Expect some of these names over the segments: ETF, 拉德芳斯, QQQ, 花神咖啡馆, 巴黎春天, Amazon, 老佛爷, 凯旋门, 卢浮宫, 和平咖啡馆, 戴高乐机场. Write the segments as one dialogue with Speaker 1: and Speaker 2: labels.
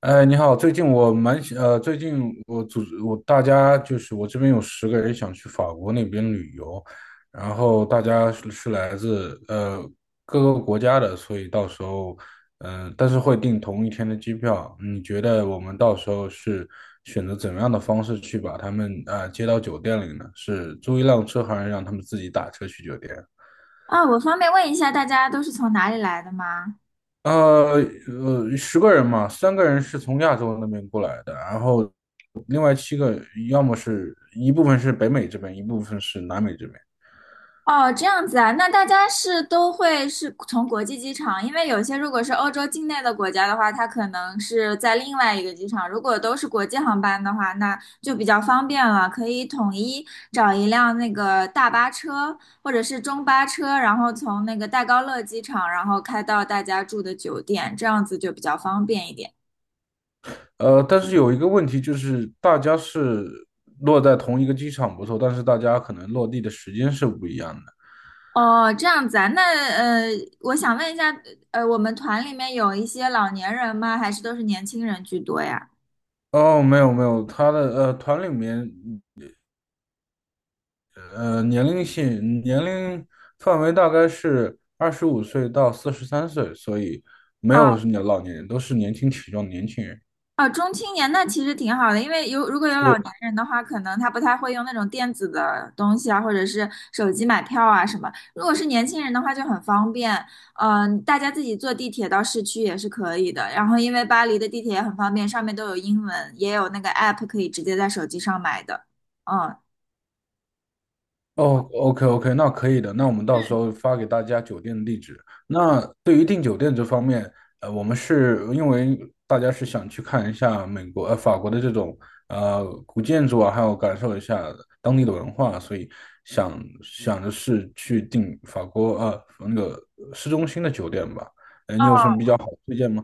Speaker 1: 哎，你好，最近我组织大家，就是我这边有十个人想去法国那边旅游，然后大家是来自各个国家的，所以到时候但是会订同一天的机票。你觉得我们到时候是选择怎么样的方式去把他们接到酒店里呢？是租一辆车，还是让他们自己打车去酒店？
Speaker 2: 啊，我方便问一下，大家都是从哪里来的吗？
Speaker 1: 呃十个人嘛，三个人是从亚洲那边过来的，然后另外七个要么是一部分是北美这边，一部分是南美这边。
Speaker 2: 哦，这样子啊，那大家是都会是从国际机场，因为有些如果是欧洲境内的国家的话，它可能是在另外一个机场。如果都是国际航班的话，那就比较方便了，可以统一找一辆那个大巴车或者是中巴车，然后从那个戴高乐机场，然后开到大家住的酒店，这样子就比较方便一点。
Speaker 1: 但是有一个问题就是，大家是落在同一个机场不错，但是大家可能落地的时间是不一样的。
Speaker 2: 哦，这样子啊，那我想问一下，我们团里面有一些老年人吗？还是都是年轻人居多呀？
Speaker 1: 哦，没有没有，他的团里面年龄范围大概是25岁到43岁，所以没
Speaker 2: 哦
Speaker 1: 有是老年人，都是年轻体壮的年轻人。
Speaker 2: 哦，中青年那其实挺好的，因为有如果有老年人的话，可能他不太会用那种电子的东西啊，或者是手机买票啊什么。如果是年轻人的话，就很方便，大家自己坐地铁到市区也是可以的。然后因为巴黎的地铁也很方便，上面都有英文，也有那个 app 可以直接在手机上买的，嗯。
Speaker 1: 哦，OK OK，那可以的。那我们到时候发给大家酒店的地址。那对于订酒店这方面，我们是因为大家是想去看一下法国的这种古建筑啊，还有感受一下当地的文化，所以想想的是去订法国那个市中心的酒店吧。你有什么比较好的推荐吗？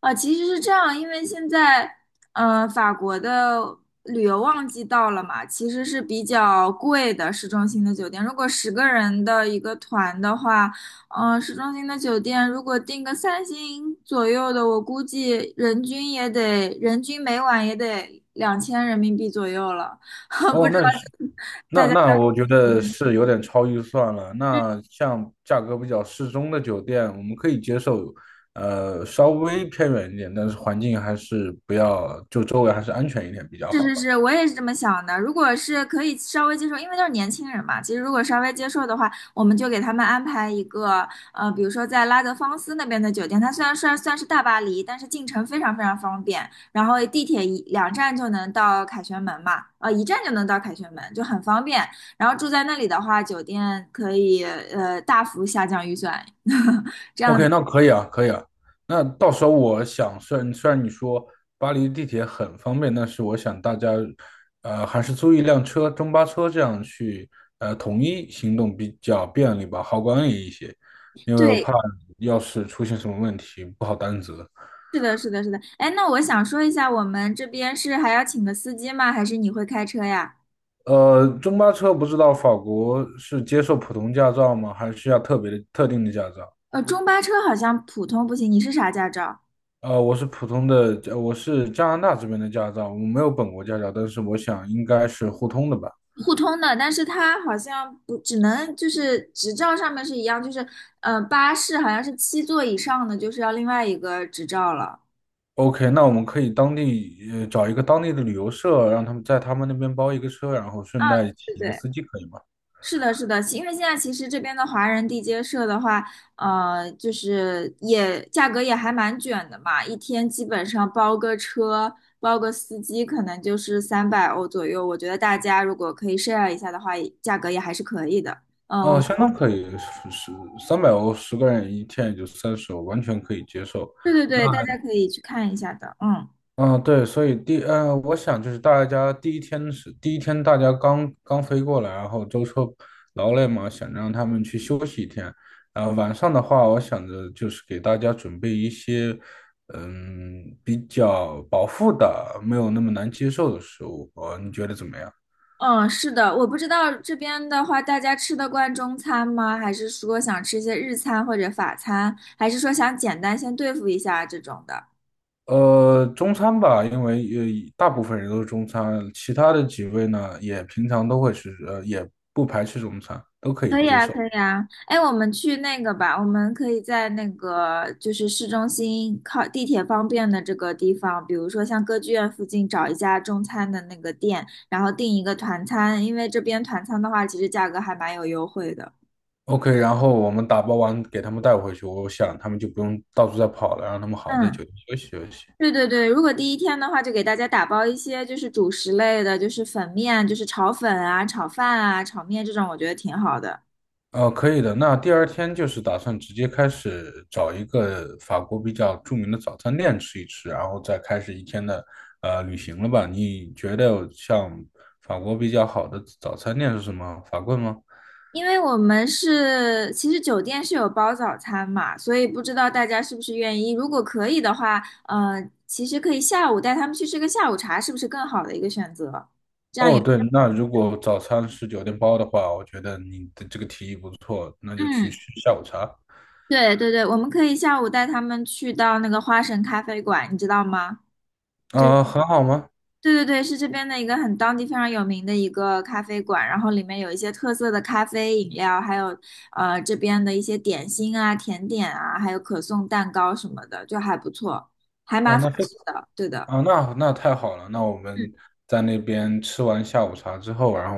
Speaker 2: 啊，其实是这样，因为现在法国的旅游旺季到了嘛，其实是比较贵的市中心的酒店。如果10个人的一个团的话，市中心的酒店如果订个3星左右的，我估计人均每晚也得2000人民币左右了。不
Speaker 1: 哦，
Speaker 2: 知
Speaker 1: 那是
Speaker 2: 道大
Speaker 1: 那
Speaker 2: 家。
Speaker 1: 那我觉得是有点超预算了。那像价格比较适中的酒店，我们可以接受，稍微偏远一点，但是环境还是不要，就周围还是安全一点比较
Speaker 2: 是
Speaker 1: 好
Speaker 2: 是
Speaker 1: 吧。
Speaker 2: 是，我也是这么想的。如果是可以稍微接受，因为都是年轻人嘛，其实如果稍微接受的话，我们就给他们安排一个，呃，比如说在拉德芳斯那边的酒店，它虽然算是大巴黎，但是进城非常非常方便，然后地铁一两站就能到凯旋门嘛，一站就能到凯旋门，就很方便。然后住在那里的话，酒店可以大幅下降预算，这样
Speaker 1: OK，那可以啊，可以啊。那到时候我想，虽然你说巴黎地铁很方便，但是我想大家，还是租一辆车，中巴车这样去，统一行动比较便利吧，好管理一些，因为我
Speaker 2: 对。
Speaker 1: 怕要是出现什么问题不好担责。
Speaker 2: 是的，是的，是的。哎，那我想说一下，我们这边是还要请个司机吗？还是你会开车呀？
Speaker 1: 中巴车不知道法国是接受普通驾照吗？还是需要特别的特定的驾照？
Speaker 2: 中巴车好像普通不行，你是啥驾照？
Speaker 1: 我是普通的，我是加拿大这边的驾照，我没有本国驾照，但是我想应该是互通的吧。
Speaker 2: 互通的，但是它好像不只能就是执照上面是一样，就是巴士好像是7座以上的就是要另外一个执照了。
Speaker 1: OK，那我们可以找一个当地的旅游社，让他们在他们那边包一个车，然后
Speaker 2: 啊，
Speaker 1: 顺带请
Speaker 2: 对
Speaker 1: 一个
Speaker 2: 对。
Speaker 1: 司机，可以吗？
Speaker 2: 是的，是的，因为现在其实这边的华人地接社的话，就是也价格也还蛮卷的嘛，一天基本上包个车，包个司机，可能就是300欧左右。我觉得大家如果可以 share 一下的话，也价格也还是可以的。我们
Speaker 1: 相当可以，是300欧，十个人一天也就30欧，完全可以接受。
Speaker 2: 对对
Speaker 1: 那
Speaker 2: 对，大家可以去看一下的。嗯
Speaker 1: 嗯，对，所以我想就是大家第一天，大家刚刚飞过来，然后舟车劳累嘛，想让他们去休息一天。然后晚上的话，我想着就是给大家准备一些比较饱腹的，没有那么难接受的食物。你觉得怎么样？
Speaker 2: 嗯，是的，我不知道这边的话，大家吃得惯中餐吗？还是说想吃一些日餐或者法餐，还是说想简单先对付一下这种的？
Speaker 1: 中餐吧，因为大部分人都是中餐，其他的几位呢也平常都会吃，也不排斥中餐，都可以
Speaker 2: 可以
Speaker 1: 接
Speaker 2: 啊，
Speaker 1: 受。
Speaker 2: 可以啊。哎，我们去那个吧，我们可以在那个就是市中心靠地铁方便的这个地方，比如说像歌剧院附近找一家中餐的那个店，然后订一个团餐，因为这边团餐的话，其实价格还蛮有优惠的。
Speaker 1: OK，然后我们打包完给他们带回去，我想他们就不用到处再跑了，让他们好好在酒
Speaker 2: 嗯，
Speaker 1: 店休息休息。
Speaker 2: 对对对，如果第一天的话，就给大家打包一些就是主食类的，就是粉面，就是炒粉啊、炒饭啊、炒面这种，我觉得挺好的。
Speaker 1: 可以的。那第二天就是打算直接开始找一个法国比较著名的早餐店吃一吃，然后再开始一天的旅行了吧？你觉得像法国比较好的早餐店是什么？法棍吗？
Speaker 2: 因为我们是，其实酒店是有包早餐嘛，所以不知道大家是不是愿意。如果可以的话，呃，其实可以下午带他们去吃个下午茶，是不是更好的一个选择？
Speaker 1: 哦，对，那如果早餐是酒店包的话，我觉得你的这个提议不错，那就去
Speaker 2: 嗯，
Speaker 1: 吃下午茶。
Speaker 2: 对对对，我们可以下午带他们去到那个花神咖啡馆，你知道吗？
Speaker 1: 啊、很好吗？
Speaker 2: 对对对，是这边的一个很当地非常有名的一个咖啡馆，然后里面有一些特色的咖啡饮料，还有这边的一些点心啊、甜点啊，还有可颂蛋糕什么的，就还不错，还
Speaker 1: 啊，
Speaker 2: 蛮法
Speaker 1: 那非
Speaker 2: 式的，对的。
Speaker 1: 啊，那太好了。那我们
Speaker 2: 嗯
Speaker 1: 在那边吃完下午茶之后，然后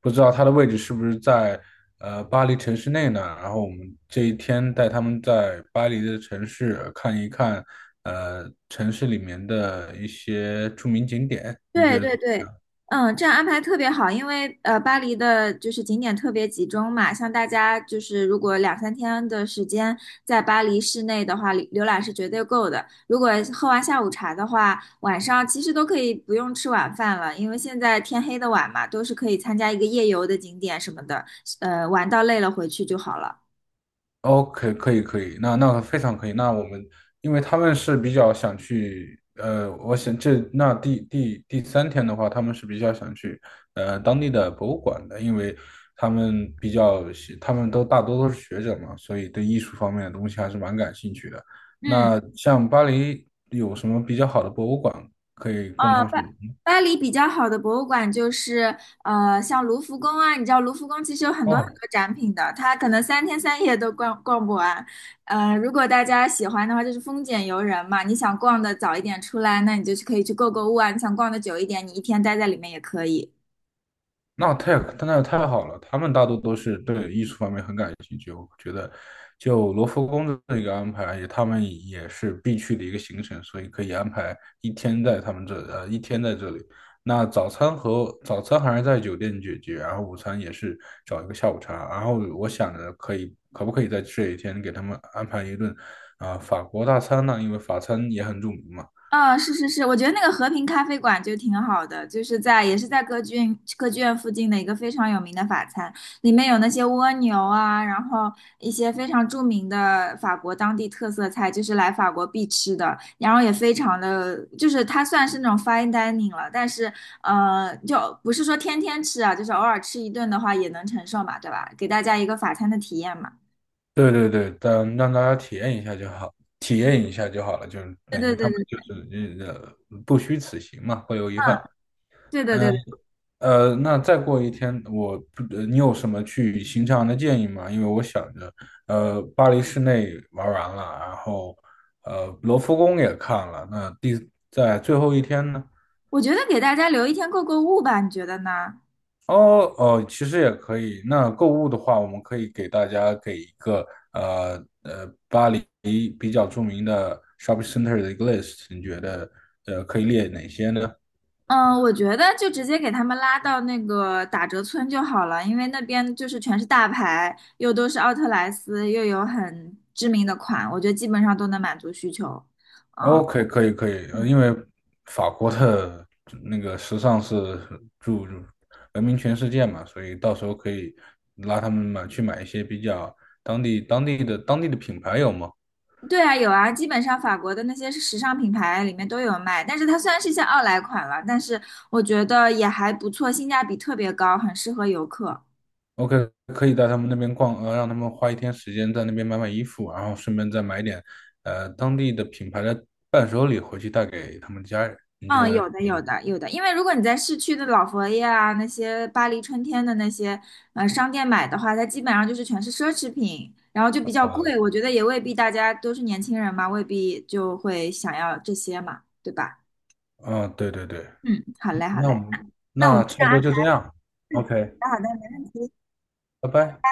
Speaker 1: 不知道它的位置是不是在巴黎城市内呢？然后我们这一天带他们在巴黎的城市看一看，城市里面的一些著名景点。你觉
Speaker 2: 对
Speaker 1: 得？
Speaker 2: 对对，嗯，这样安排特别好，因为巴黎的就是景点特别集中嘛，像大家就是如果两三天的时间在巴黎市内的话，浏览是绝对够的。如果喝完下午茶的话，晚上其实都可以不用吃晚饭了，因为现在天黑的晚嘛，都是可以参加一个夜游的景点什么的，玩到累了回去就好了。
Speaker 1: OK，可以可以，那非常可以。那我们，因为他们是比较想去，我想这那第第第三天的话，他们是比较想去，当地的博物馆的，因为他们比较喜，他们都大多都是学者嘛，所以对艺术方面的东西还是蛮感兴趣的。
Speaker 2: 嗯。
Speaker 1: 那像巴黎有什么比较好的博物馆可以供他
Speaker 2: 呃，
Speaker 1: 们选
Speaker 2: 巴
Speaker 1: 择吗？
Speaker 2: 巴黎比较好的博物馆就是像卢浮宫啊，你知道卢浮宫其实有很多很
Speaker 1: 哦，
Speaker 2: 多展品的，它可能三天三夜都逛不完。如果大家喜欢的话，就是丰俭由人嘛，你想逛的早一点出来，那你就是可以去购物啊；你想逛的久一点，你一天待在里面也可以。
Speaker 1: 那太那太好了，他们大多都是对艺术方面很感兴趣。我觉得，就罗浮宫的这个安排，也他们也是必去的一个行程，所以可以安排一天在这里。那早餐还是在酒店解决，然后午餐也是找一个下午茶。然后我想着可以，可不可以在这一天给他们安排一顿法国大餐呢？因为法餐也很著名嘛。
Speaker 2: 嗯，是是是，我觉得那个和平咖啡馆就挺好的，就是在也是在歌剧院附近的一个非常有名的法餐，里面有那些蜗牛啊，然后一些非常著名的法国当地特色菜，就是来法国必吃的，然后也非常的，就是它算是那种 fine dining 了，但是就不是说天天吃啊，就是偶尔吃一顿的话也能承受嘛，对吧？给大家一个法餐的体验嘛。
Speaker 1: 对对对，但让大家体验一下就好，体验一下就好了，就是
Speaker 2: 对
Speaker 1: 等
Speaker 2: 对
Speaker 1: 于他
Speaker 2: 对
Speaker 1: 们就
Speaker 2: 对，
Speaker 1: 是不虚此行嘛，会有遗憾。
Speaker 2: 嗯，对对
Speaker 1: 嗯
Speaker 2: 对对，
Speaker 1: 那再过一天，我不，呃你有什么去行程上的建议吗？因为我想着，巴黎市内玩完了，然后罗浮宫也看了，那在最后一天呢？
Speaker 2: 我觉得给大家留一天购物吧，你觉得呢？
Speaker 1: 哦哦，其实也可以。那购物的话，我们可以给大家给一个巴黎比较著名的 shopping center 的一个 list，你觉得可以列哪些呢
Speaker 2: 嗯，我觉得就直接给他们拉到那个打折村就好了，因为那边就是全是大牌，又都是奥特莱斯，又有很知名的款，我觉得基本上都能满足需求。
Speaker 1: ？OK，可以可以，因为法国的那个时尚是著闻名全世界嘛，所以到时候可以拉他们去买一些比较当地的品牌有吗？
Speaker 2: 对啊，有啊，基本上法国的那些时尚品牌里面都有卖，但是它虽然是一些奥莱款了，但是我觉得也还不错，性价比特别高，很适合游客。
Speaker 1: OK，可以带他们那边逛，让他们花一天时间在那边买买衣服，然后顺便再买点，当地的品牌的伴手礼回去带给他们家人。你觉
Speaker 2: 嗯，
Speaker 1: 得
Speaker 2: 有
Speaker 1: 可
Speaker 2: 的，
Speaker 1: 以吗？
Speaker 2: 有的，有的。因为如果你在市区的老佛爷啊，那些巴黎春天的那些商店买的话，它基本上就是全是奢侈品，然后就比较贵。我觉得也未必大家都是年轻人嘛，未必就会想要这些嘛，对吧？
Speaker 1: 嗯，对对对，
Speaker 2: 嗯，好嘞，好
Speaker 1: 那
Speaker 2: 嘞。
Speaker 1: 我们
Speaker 2: 那我们
Speaker 1: 那
Speaker 2: 这
Speaker 1: 差不
Speaker 2: 样安
Speaker 1: 多就这
Speaker 2: 排。
Speaker 1: 样。OK，
Speaker 2: 好的，好的，没问题。
Speaker 1: 拜拜。